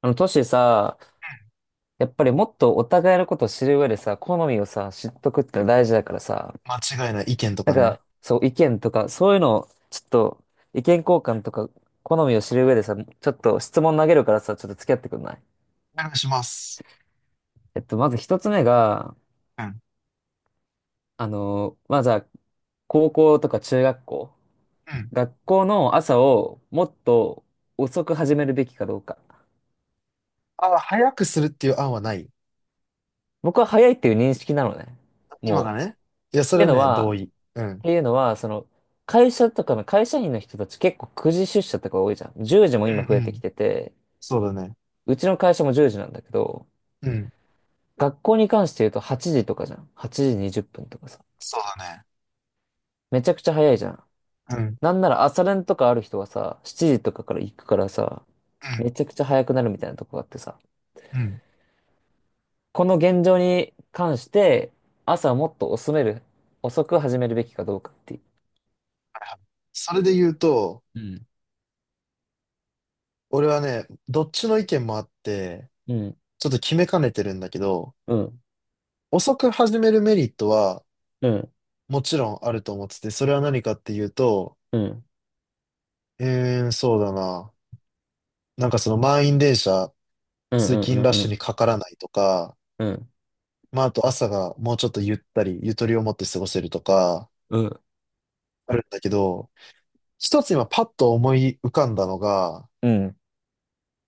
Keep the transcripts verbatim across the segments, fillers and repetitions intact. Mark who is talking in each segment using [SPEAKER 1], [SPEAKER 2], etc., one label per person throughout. [SPEAKER 1] あの、トシさ、やっぱりもっとお互いのことを知る上でさ、好みをさ、知っとくってのは大事だからさ、
[SPEAKER 2] 間違いない意見と
[SPEAKER 1] な
[SPEAKER 2] か
[SPEAKER 1] んか、
[SPEAKER 2] ね。
[SPEAKER 1] そう、意見とか、そういうのを、ちょっと、意見交換とか、好みを知る上でさ、ちょっと質問投げるからさ、ちょっと付き合ってくんない？
[SPEAKER 2] お願いします。
[SPEAKER 1] えっと、まず一つ目が、
[SPEAKER 2] うん。
[SPEAKER 1] あの、まずは、高校とか中学校、
[SPEAKER 2] うん。
[SPEAKER 1] 学校の朝をもっと遅く始めるべきかどうか。
[SPEAKER 2] あ、早くするっていう案はない。
[SPEAKER 1] 僕は早いっていう認識なのね。
[SPEAKER 2] 今が
[SPEAKER 1] もう。
[SPEAKER 2] ね。いや、
[SPEAKER 1] っ
[SPEAKER 2] そ
[SPEAKER 1] て
[SPEAKER 2] れ
[SPEAKER 1] いう
[SPEAKER 2] は
[SPEAKER 1] の
[SPEAKER 2] ね、同
[SPEAKER 1] は、っ
[SPEAKER 2] 意。うん。
[SPEAKER 1] ていうのは、その、会社とかの会社員の人たち結構くじ出社とか多いじゃん。じゅうじも
[SPEAKER 2] うんう
[SPEAKER 1] 今増えてき
[SPEAKER 2] ん。
[SPEAKER 1] てて、
[SPEAKER 2] そうだね。
[SPEAKER 1] うちの会社もじゅうじなんだけど、
[SPEAKER 2] うん。
[SPEAKER 1] 学校に関して言うとはちじとかじゃん。はちじにじゅっぷんとかさ。
[SPEAKER 2] そうだね。
[SPEAKER 1] めちゃくちゃ早いじゃん。
[SPEAKER 2] うん。
[SPEAKER 1] なんなら朝練とかある人はさ、しちじとかから行くからさ、めちゃ
[SPEAKER 2] う
[SPEAKER 1] くちゃ早くなるみたいなとこがあってさ。
[SPEAKER 2] ん。うん。
[SPEAKER 1] この現状に関して、朝もっと遅める、遅く始めるべきかどうかっていう。
[SPEAKER 2] はいはい。それで言うと、
[SPEAKER 1] うん。
[SPEAKER 2] 俺はね、どっちの意見もあって、
[SPEAKER 1] うん、
[SPEAKER 2] ちょっと決めかねてるんだけど、
[SPEAKER 1] うん、
[SPEAKER 2] 遅く始めるメリットは
[SPEAKER 1] うん、
[SPEAKER 2] もちろんあると思ってて、それは何かっていうと、
[SPEAKER 1] うん、
[SPEAKER 2] えーん、そうだな。なんかその満員電車、
[SPEAKER 1] うん、う
[SPEAKER 2] 通
[SPEAKER 1] ん、
[SPEAKER 2] 勤ラッ
[SPEAKER 1] うん、う
[SPEAKER 2] シュに
[SPEAKER 1] ん、
[SPEAKER 2] かからないとか、
[SPEAKER 1] うん。うん
[SPEAKER 2] まあ、あと朝がもうちょっとゆったり、ゆとりを持って過ごせるとか、
[SPEAKER 1] うん
[SPEAKER 2] あるんだけど、一つ今パッと思い浮かんだのが、
[SPEAKER 1] うん。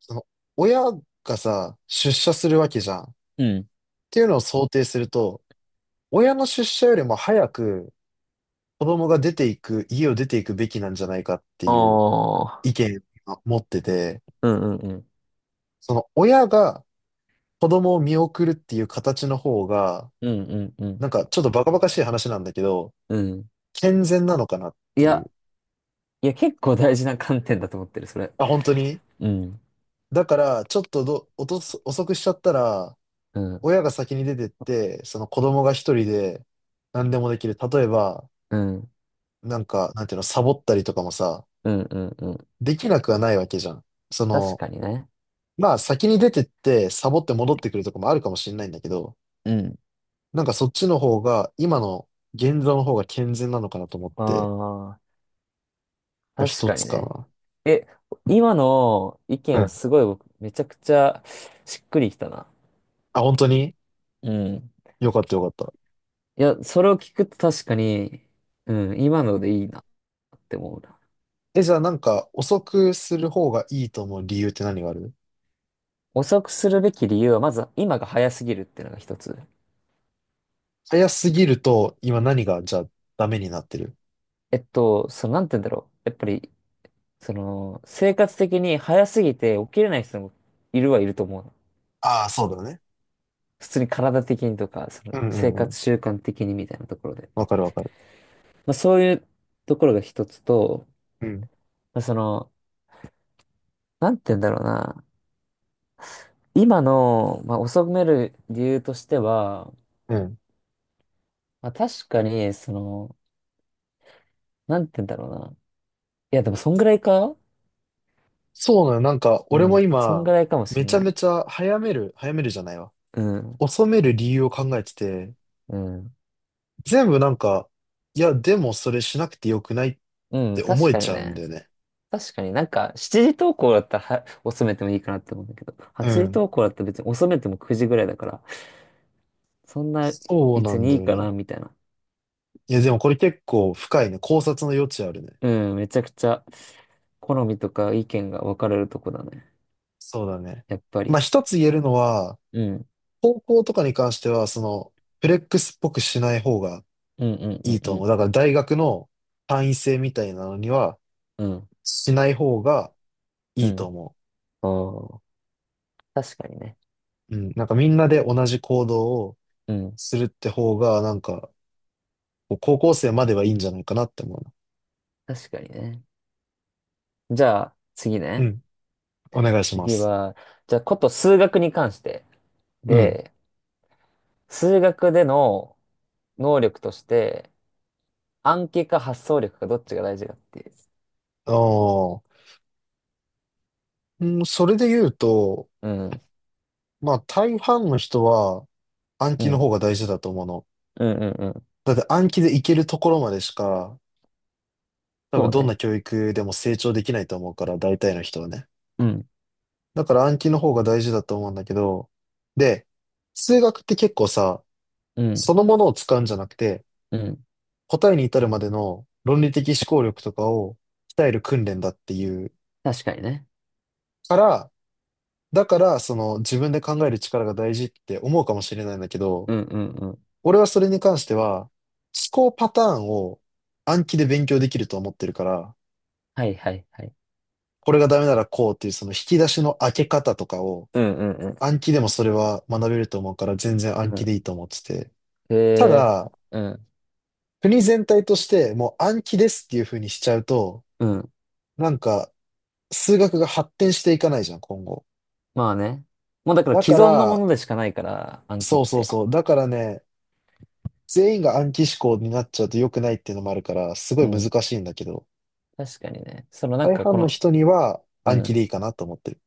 [SPEAKER 2] その、親がさ、出社するわけじゃん。っ
[SPEAKER 1] うん。
[SPEAKER 2] ていうのを想定すると、親の出社よりも早く子供が出ていく、家を出ていくべきなんじゃないかって
[SPEAKER 1] あ
[SPEAKER 2] いう意
[SPEAKER 1] あ。
[SPEAKER 2] 見を持ってて、
[SPEAKER 1] うんうんうん。
[SPEAKER 2] その親が子供を見送るっていう形の方が、
[SPEAKER 1] うんうんう
[SPEAKER 2] なん
[SPEAKER 1] ん。
[SPEAKER 2] かちょっとバカバカしい話なんだけど、
[SPEAKER 1] うん。
[SPEAKER 2] 健全なのかなっ
[SPEAKER 1] い
[SPEAKER 2] てい
[SPEAKER 1] や、
[SPEAKER 2] う。
[SPEAKER 1] いや、結構大事な観点だと思ってる、それ。
[SPEAKER 2] あ、本当に。
[SPEAKER 1] うん。
[SPEAKER 2] だから、ちょっとど、おとす、遅くしちゃったら、
[SPEAKER 1] うん。
[SPEAKER 2] 親が先に出てって、その子供が一人で何でもできる。例えば、
[SPEAKER 1] うん。
[SPEAKER 2] なんか、なんていうの、サボったりとかもさ、
[SPEAKER 1] うんうんうん。
[SPEAKER 2] できなくはないわけじゃん。そ
[SPEAKER 1] 確
[SPEAKER 2] の、
[SPEAKER 1] かにね。
[SPEAKER 2] まあ先に出てって、サボって戻ってくるとかもあるかもしれないんだけど、
[SPEAKER 1] うん。
[SPEAKER 2] なんかそっちの方が、今の現状の方が健全なのかなと思って、
[SPEAKER 1] ああ。
[SPEAKER 2] が
[SPEAKER 1] 確
[SPEAKER 2] 一
[SPEAKER 1] か
[SPEAKER 2] つ
[SPEAKER 1] にね。
[SPEAKER 2] か
[SPEAKER 1] え、今の意見
[SPEAKER 2] な。う
[SPEAKER 1] は
[SPEAKER 2] ん。
[SPEAKER 1] すごい僕、めちゃくちゃしっくりきたな。
[SPEAKER 2] あ、本当に。
[SPEAKER 1] うん。
[SPEAKER 2] よかったよかった。
[SPEAKER 1] いや、それを聞くと確かに、うん、今のでいいなって思うな。
[SPEAKER 2] え、じゃあなんか、遅くする方がいいと思う理由って何がある？
[SPEAKER 1] 遅くするべき理由は、まず今が早すぎるっていうのが一つ。
[SPEAKER 2] 早すぎると、今何が、じゃあ、ダメになってる。
[SPEAKER 1] えっと、その、なんて言うんだろう。やっぱり、その、生活的に早すぎて起きれない人もいるはいると思うの。
[SPEAKER 2] ああ、そうだね。
[SPEAKER 1] 普通に体的にとか、そ
[SPEAKER 2] う
[SPEAKER 1] の、
[SPEAKER 2] んう
[SPEAKER 1] 生
[SPEAKER 2] んうん。
[SPEAKER 1] 活習慣的にみたいなところで。
[SPEAKER 2] わかるわかる。
[SPEAKER 1] まあ、そういうところが一つと、
[SPEAKER 2] うん。
[SPEAKER 1] まあ、その、なんて言うんだろうな。今の、まあ、遅める理由としては、
[SPEAKER 2] うん。
[SPEAKER 1] まあ、確かに、その、なんて言うんだろうな。いや、でも、そんぐらいか、
[SPEAKER 2] そうなのよ。なんか、
[SPEAKER 1] う
[SPEAKER 2] 俺
[SPEAKER 1] ん、
[SPEAKER 2] も
[SPEAKER 1] そんぐ
[SPEAKER 2] 今、
[SPEAKER 1] らいかもし
[SPEAKER 2] め
[SPEAKER 1] ん
[SPEAKER 2] ちゃ
[SPEAKER 1] な
[SPEAKER 2] め
[SPEAKER 1] い。
[SPEAKER 2] ちゃ早める、早めるじゃないわ。
[SPEAKER 1] うん、
[SPEAKER 2] 遅める理由を考えてて、
[SPEAKER 1] うん、
[SPEAKER 2] 全部なんか、いや、でもそれしなくてよくないっ
[SPEAKER 1] う
[SPEAKER 2] て
[SPEAKER 1] ん、
[SPEAKER 2] 思
[SPEAKER 1] 確
[SPEAKER 2] え
[SPEAKER 1] か
[SPEAKER 2] ち
[SPEAKER 1] に
[SPEAKER 2] ゃうん
[SPEAKER 1] ね。
[SPEAKER 2] だよね。
[SPEAKER 1] 確かになんか、しちじ投稿だったらは遅めてもいいかなって思うんだけど、
[SPEAKER 2] う
[SPEAKER 1] はちじ
[SPEAKER 2] ん。
[SPEAKER 1] 投稿だったら別に遅めてもくじぐらいだから、そんな
[SPEAKER 2] そうな
[SPEAKER 1] 別
[SPEAKER 2] ん
[SPEAKER 1] に
[SPEAKER 2] だ
[SPEAKER 1] いい
[SPEAKER 2] よ
[SPEAKER 1] か
[SPEAKER 2] ね。
[SPEAKER 1] な、みたいな。
[SPEAKER 2] いや、でもこれ結構深いね。考察の余地あるね。
[SPEAKER 1] うん、めちゃくちゃ好みとか意見が分かれるとこだね。
[SPEAKER 2] そうだね。
[SPEAKER 1] やっぱ
[SPEAKER 2] ま
[SPEAKER 1] り。
[SPEAKER 2] あ、一つ言えるのは、
[SPEAKER 1] うん。
[SPEAKER 2] 高校とかに関しては、その、フレックスっぽくしない方が
[SPEAKER 1] うんうんう
[SPEAKER 2] いい
[SPEAKER 1] ん
[SPEAKER 2] と
[SPEAKER 1] う
[SPEAKER 2] 思う。
[SPEAKER 1] ん。
[SPEAKER 2] だから大学の単位制みたいなのには
[SPEAKER 1] うん。
[SPEAKER 2] しない方が
[SPEAKER 1] う
[SPEAKER 2] いいと
[SPEAKER 1] ん。
[SPEAKER 2] 思
[SPEAKER 1] おー、確かにね。
[SPEAKER 2] う。うん。なんかみんなで同じ行動を
[SPEAKER 1] うん。
[SPEAKER 2] するって方が、なんか、こう高校生まではいいんじゃないかなって思うな。
[SPEAKER 1] 確かにね。じゃあ、次
[SPEAKER 2] う
[SPEAKER 1] ね。
[SPEAKER 2] ん。お願いしま
[SPEAKER 1] 次
[SPEAKER 2] す。
[SPEAKER 1] は、じゃあ、こと数学に関して。
[SPEAKER 2] うん。
[SPEAKER 1] で、数学での能力として、暗記か発想力かどっちが大事かっていう。
[SPEAKER 2] ああ。うん、それで言うと、
[SPEAKER 1] うん。
[SPEAKER 2] まあ大半の人は暗
[SPEAKER 1] う
[SPEAKER 2] 記の
[SPEAKER 1] ん。
[SPEAKER 2] 方が大事だと思うの。
[SPEAKER 1] うんうんうん。
[SPEAKER 2] だって暗記でいけるところまでしか、多
[SPEAKER 1] そ
[SPEAKER 2] 分
[SPEAKER 1] う
[SPEAKER 2] どんな
[SPEAKER 1] ね。
[SPEAKER 2] 教育でも成長できないと思うから、大体の人はね。
[SPEAKER 1] うん。
[SPEAKER 2] だから暗記の方が大事だと思うんだけど、で、数学って結構さ、
[SPEAKER 1] うん。
[SPEAKER 2] そのものを使うんじゃなくて、
[SPEAKER 1] うん。
[SPEAKER 2] 答えに至るまでの論理的思考力とかを鍛える訓練だっていう
[SPEAKER 1] 確かにね。
[SPEAKER 2] から、だからその自分で考える力が大事って思うかもしれないんだけど、
[SPEAKER 1] うんうんうん。
[SPEAKER 2] 俺はそれに関しては、思考パターンを暗記で勉強できると思ってるから、
[SPEAKER 1] はいはいはい。
[SPEAKER 2] これがダメならこうっていうその引き出しの開け方とかを
[SPEAKER 1] うんうんうん。
[SPEAKER 2] 暗記でもそれは学べると思うから全然暗記でいい
[SPEAKER 1] う
[SPEAKER 2] と思ってて。
[SPEAKER 1] ん。へ
[SPEAKER 2] た
[SPEAKER 1] え。
[SPEAKER 2] だ、
[SPEAKER 1] うん。
[SPEAKER 2] 国全体としてもう暗記ですっていう風にしちゃうと、
[SPEAKER 1] うん。
[SPEAKER 2] なんか数学が発展していかないじゃん、今後。
[SPEAKER 1] まあね。もうだから
[SPEAKER 2] だか
[SPEAKER 1] 既存のも
[SPEAKER 2] ら、
[SPEAKER 1] のでしかないから、暗記っ
[SPEAKER 2] そうそう
[SPEAKER 1] て。
[SPEAKER 2] そう。だからね、全員が暗記思考になっちゃうと良くないっていうのもあるから、すご
[SPEAKER 1] う
[SPEAKER 2] い難
[SPEAKER 1] ん。
[SPEAKER 2] しいんだけど、
[SPEAKER 1] 確かにね。そのなん
[SPEAKER 2] 大
[SPEAKER 1] かこ
[SPEAKER 2] 半の
[SPEAKER 1] の、
[SPEAKER 2] 人には
[SPEAKER 1] う
[SPEAKER 2] 暗記でい
[SPEAKER 1] ん。
[SPEAKER 2] いかなと思ってる。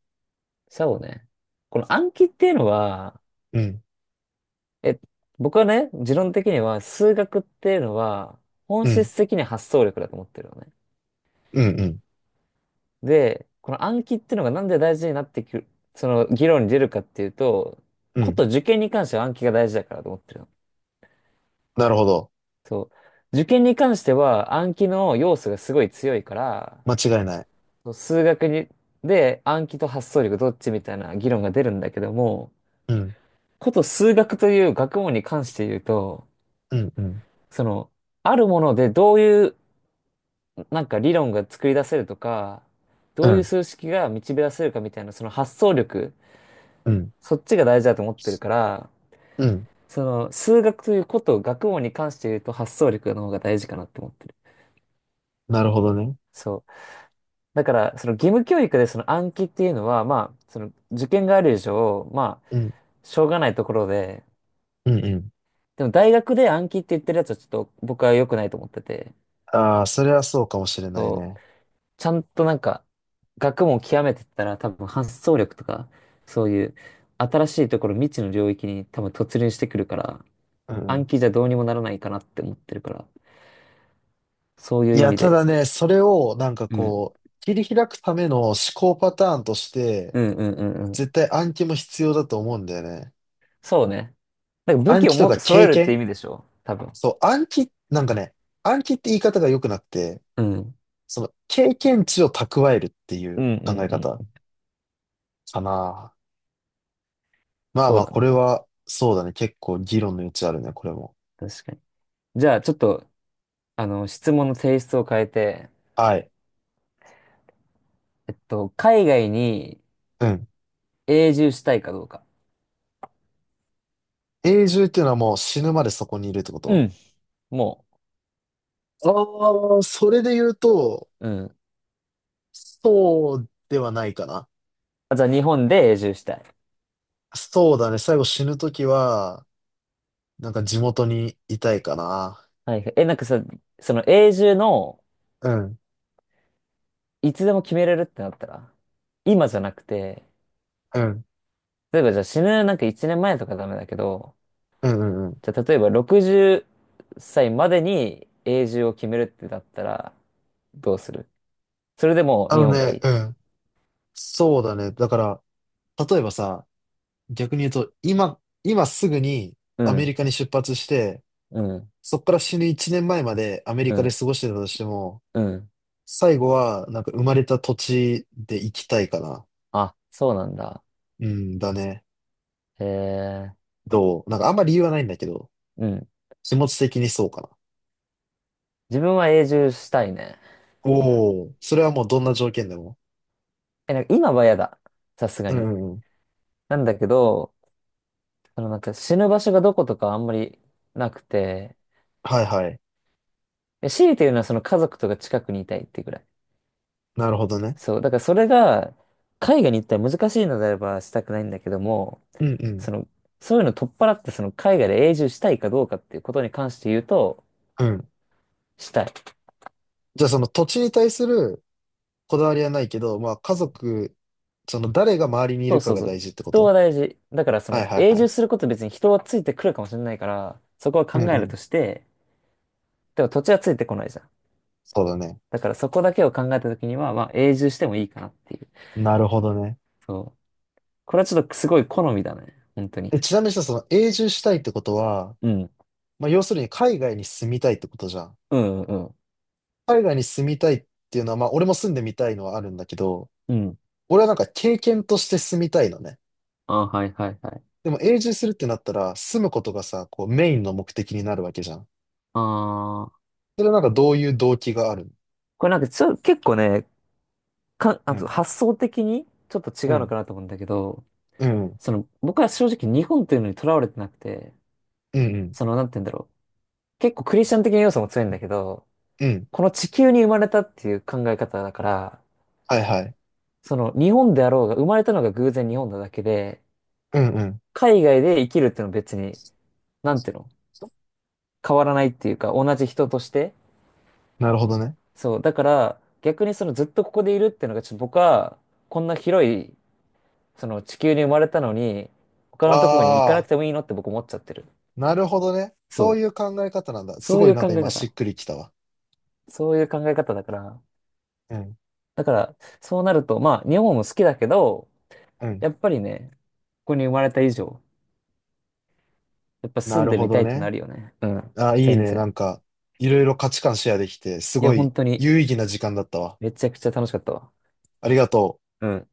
[SPEAKER 1] そうね。この暗記っていうのは、
[SPEAKER 2] うん、
[SPEAKER 1] え、僕はね、持論的には数学っていうのは本
[SPEAKER 2] うん、
[SPEAKER 1] 質的に発想力だと思ってるのね。
[SPEAKER 2] うん、うん、
[SPEAKER 1] で、この暗記っていうのがなんで大事になってくる、その議論に出るかっていうと、
[SPEAKER 2] う
[SPEAKER 1] こ
[SPEAKER 2] ん。
[SPEAKER 1] と受験に関しては暗記が大事だからと思ってるの。
[SPEAKER 2] なるほど。
[SPEAKER 1] そう。受験に関しては暗記の要素がすごい強いから、
[SPEAKER 2] 間違いない。
[SPEAKER 1] そう数学に、で暗記と発想力どっちみたいな議論が出るんだけども、
[SPEAKER 2] うん、
[SPEAKER 1] こと数学という学問に関して言うと、
[SPEAKER 2] うん、うん、
[SPEAKER 1] その、あるものでどういうなんか理論が作り出せるとか、
[SPEAKER 2] う
[SPEAKER 1] どういう
[SPEAKER 2] ん、
[SPEAKER 1] 数式が導き出せるかみたいな、その発想力、
[SPEAKER 2] うん、
[SPEAKER 1] そっちが大事だと思ってるから、
[SPEAKER 2] うん。
[SPEAKER 1] その、数学ということ、学問に関して言うと発想力の方が大事かなって思ってる。
[SPEAKER 2] なるほどね。
[SPEAKER 1] そう。だから、その義務教育でその暗記っていうのは、まあ、その受験がある以上、まあ、
[SPEAKER 2] うん、
[SPEAKER 1] しょうがないところで、
[SPEAKER 2] うん、うん。
[SPEAKER 1] でも大学で暗記って言ってるやつはちょっと僕は良くないと思ってて、
[SPEAKER 2] ああ、それはそうかもしれない
[SPEAKER 1] そう。
[SPEAKER 2] ね。
[SPEAKER 1] ちゃんとなんか、学問を極めてったら多分発想力とか、そういう新しいところ、未知の領域に多分突入してくるから、
[SPEAKER 2] う
[SPEAKER 1] 暗
[SPEAKER 2] ん。
[SPEAKER 1] 記じゃどうにもならないかなって思ってるから。そうい
[SPEAKER 2] い
[SPEAKER 1] う意
[SPEAKER 2] や、
[SPEAKER 1] 味
[SPEAKER 2] た
[SPEAKER 1] で。
[SPEAKER 2] だね、それをなんか
[SPEAKER 1] うん。
[SPEAKER 2] こう、切り開くための思考パターンとして、
[SPEAKER 1] うんうんうんうん。
[SPEAKER 2] 絶対暗記も必要だと思うんだよね。
[SPEAKER 1] そうね。なんか武
[SPEAKER 2] 暗
[SPEAKER 1] 器を
[SPEAKER 2] 記とか
[SPEAKER 1] も揃え
[SPEAKER 2] 経
[SPEAKER 1] るって
[SPEAKER 2] 験、
[SPEAKER 1] 意味でしょ多分。
[SPEAKER 2] そう、暗記、なんかね、暗記って言い方が良くなくて、
[SPEAKER 1] うん。
[SPEAKER 2] その経験値を蓄えるってい
[SPEAKER 1] うん
[SPEAKER 2] う
[SPEAKER 1] う
[SPEAKER 2] 考え
[SPEAKER 1] ん
[SPEAKER 2] 方
[SPEAKER 1] うん。
[SPEAKER 2] かな。まあ
[SPEAKER 1] そ
[SPEAKER 2] ま
[SPEAKER 1] う
[SPEAKER 2] あ、
[SPEAKER 1] だね。
[SPEAKER 2] これは、そうだね。結構議論の余地あるね、これも。
[SPEAKER 1] 確かに。じゃあ、ちょっと、あの、質問の性質を変えて、
[SPEAKER 2] はい。
[SPEAKER 1] えっと、海外に
[SPEAKER 2] うん。
[SPEAKER 1] 永住したいかどうか。
[SPEAKER 2] 永住っていうのはもう死ぬまでそこにいるってこ
[SPEAKER 1] う
[SPEAKER 2] と？
[SPEAKER 1] ん。も
[SPEAKER 2] ああー、それで言うと、
[SPEAKER 1] う、うん。
[SPEAKER 2] そうではないかな。
[SPEAKER 1] あ、じゃあ、日本で永住したい。
[SPEAKER 2] そうだね。最後死ぬときは、なんか地元にいたいかな。
[SPEAKER 1] はいはい。え、なんかさ、その永住の、
[SPEAKER 2] うん、
[SPEAKER 1] いつでも決めれるってなったら、今じゃなくて、
[SPEAKER 2] うん、
[SPEAKER 1] 例えばじゃあ死ぬなんかいちねんまえとかダメだけど、
[SPEAKER 2] うん、うん、うん。
[SPEAKER 1] じゃあ、例えばろくじっさいまでに永住を決めるってだったら、どうする？それでもう
[SPEAKER 2] あ
[SPEAKER 1] 日
[SPEAKER 2] の
[SPEAKER 1] 本がい
[SPEAKER 2] ね、
[SPEAKER 1] い？
[SPEAKER 2] うん。そうだね。だから、例えばさ、逆に言うと、今、今すぐに
[SPEAKER 1] う
[SPEAKER 2] アメリ
[SPEAKER 1] ん、
[SPEAKER 2] カに出発して、
[SPEAKER 1] うん、
[SPEAKER 2] そっから死ぬいちねんまえまえまでアメリ
[SPEAKER 1] う
[SPEAKER 2] カで
[SPEAKER 1] ん、
[SPEAKER 2] 過ごしてたとしても、
[SPEAKER 1] うん。
[SPEAKER 2] 最後は、なんか生まれた土地で生きたいかな。
[SPEAKER 1] あ、そうなんだ。
[SPEAKER 2] うんだね。
[SPEAKER 1] へえ、
[SPEAKER 2] どうなんかあんま理由はないんだけど、
[SPEAKER 1] うん。
[SPEAKER 2] 気持ち的にそうかな。
[SPEAKER 1] 自分は永住したいね。
[SPEAKER 2] おお、それはもうどんな条件でも。
[SPEAKER 1] え、なんか今は嫌だ。さすが
[SPEAKER 2] うん、
[SPEAKER 1] に。
[SPEAKER 2] うんうん。
[SPEAKER 1] なんだけど、そのなんか死ぬ場所がどことかあんまりなくて、
[SPEAKER 2] はいはい。
[SPEAKER 1] え、強いて言うのはその家族とか近くにいたいってぐらい。
[SPEAKER 2] なるほどね。
[SPEAKER 1] そう。だからそれが、海外に行ったら難しいのであればしたくないんだけども、
[SPEAKER 2] うんうん。
[SPEAKER 1] その、そういうの取っ払って、その海外で永住したいかどうかっていうことに関して言うと、
[SPEAKER 2] うん。
[SPEAKER 1] したい。
[SPEAKER 2] じゃあその土地に対するこだわりはないけど、まあ家族、その誰が周りにい
[SPEAKER 1] そ
[SPEAKER 2] る
[SPEAKER 1] う
[SPEAKER 2] か
[SPEAKER 1] そう
[SPEAKER 2] が
[SPEAKER 1] そ
[SPEAKER 2] 大
[SPEAKER 1] う。
[SPEAKER 2] 事ってこ
[SPEAKER 1] 人
[SPEAKER 2] と？
[SPEAKER 1] は大事。だからそ
[SPEAKER 2] はい
[SPEAKER 1] の
[SPEAKER 2] はい
[SPEAKER 1] 永
[SPEAKER 2] は
[SPEAKER 1] 住
[SPEAKER 2] い。
[SPEAKER 1] すること別に人はついてくるかもしれないから、そこは
[SPEAKER 2] う
[SPEAKER 1] 考
[SPEAKER 2] ん
[SPEAKER 1] え
[SPEAKER 2] う
[SPEAKER 1] る
[SPEAKER 2] ん。
[SPEAKER 1] として、でも土地はついてこないじゃん。
[SPEAKER 2] そうだね。
[SPEAKER 1] だからそこだけを考えたときには、まあ永住してもいいかなっていう。
[SPEAKER 2] なるほどね。
[SPEAKER 1] そう。これはちょっとすごい好みだね。本当に。
[SPEAKER 2] え、ちなみにさ、その永住したいってことは、
[SPEAKER 1] うん。
[SPEAKER 2] まあ要するに海外に住みたいってことじゃん。
[SPEAKER 1] うんうん。
[SPEAKER 2] 海外に住みたいっていうのは、まあ俺も住んでみたいのはあるんだけど、
[SPEAKER 1] うん。
[SPEAKER 2] 俺はなんか経験として住みたいのね。
[SPEAKER 1] あ、はいはいはい。
[SPEAKER 2] でも永住するってなったら、住むことがさ、こうメインの目的になるわけじゃん。
[SPEAKER 1] ああ。
[SPEAKER 2] それはなんかどういう動機があるの？
[SPEAKER 1] これなんかちょ、結構ね、か、
[SPEAKER 2] う
[SPEAKER 1] あと
[SPEAKER 2] ん。
[SPEAKER 1] 発想的にちょっと違
[SPEAKER 2] う
[SPEAKER 1] うの
[SPEAKER 2] ん
[SPEAKER 1] かなと思うんだけど、
[SPEAKER 2] うん。
[SPEAKER 1] その、僕は正直日本っていうのにとらわれてなくて、
[SPEAKER 2] うんうん。
[SPEAKER 1] その、なんて言うんだろう。結構クリスチャン的な要素も強いんだけど、
[SPEAKER 2] うん。
[SPEAKER 1] この地球に生まれたっていう考え方だから、
[SPEAKER 2] はいはい。
[SPEAKER 1] その、日本であろうが、生まれたのが偶然日本なだけで、
[SPEAKER 2] うんうん。
[SPEAKER 1] 海外で生きるっていうのは別に、なんていうの、変わらないっていうか、同じ人として。
[SPEAKER 2] なるほどね。
[SPEAKER 1] そう、だから、逆にそのずっとここでいるっていうのが、ちょっと僕は、こんな広い、その地球に生まれたのに、他のところに行かな
[SPEAKER 2] あ
[SPEAKER 1] く
[SPEAKER 2] あ、
[SPEAKER 1] てもいいのって僕思っちゃってる。
[SPEAKER 2] なるほどね。そう
[SPEAKER 1] そ
[SPEAKER 2] いう考え方なんだ。
[SPEAKER 1] う。
[SPEAKER 2] す
[SPEAKER 1] そう
[SPEAKER 2] ご
[SPEAKER 1] い
[SPEAKER 2] い
[SPEAKER 1] う
[SPEAKER 2] なん
[SPEAKER 1] 考
[SPEAKER 2] か
[SPEAKER 1] え
[SPEAKER 2] 今し
[SPEAKER 1] 方。
[SPEAKER 2] っくりきたわ。
[SPEAKER 1] そういう考え方だから、
[SPEAKER 2] うん。
[SPEAKER 1] だから、そうなると、まあ、日本も好きだけど、
[SPEAKER 2] うん。
[SPEAKER 1] やっぱりね、ここに生まれた以上、やっぱ
[SPEAKER 2] な
[SPEAKER 1] 住ん
[SPEAKER 2] る
[SPEAKER 1] で
[SPEAKER 2] ほ
[SPEAKER 1] みた
[SPEAKER 2] ど
[SPEAKER 1] いってな
[SPEAKER 2] ね。
[SPEAKER 1] るよね。うん。
[SPEAKER 2] あーいい
[SPEAKER 1] 全
[SPEAKER 2] ね。な
[SPEAKER 1] 然。
[SPEAKER 2] んか、いろいろ価値観シェアできて、す
[SPEAKER 1] い
[SPEAKER 2] ご
[SPEAKER 1] や、本
[SPEAKER 2] い
[SPEAKER 1] 当に、
[SPEAKER 2] 有意義な時間だったわ。
[SPEAKER 1] めちゃくちゃ楽しかったわ。
[SPEAKER 2] ありがとう。
[SPEAKER 1] うん。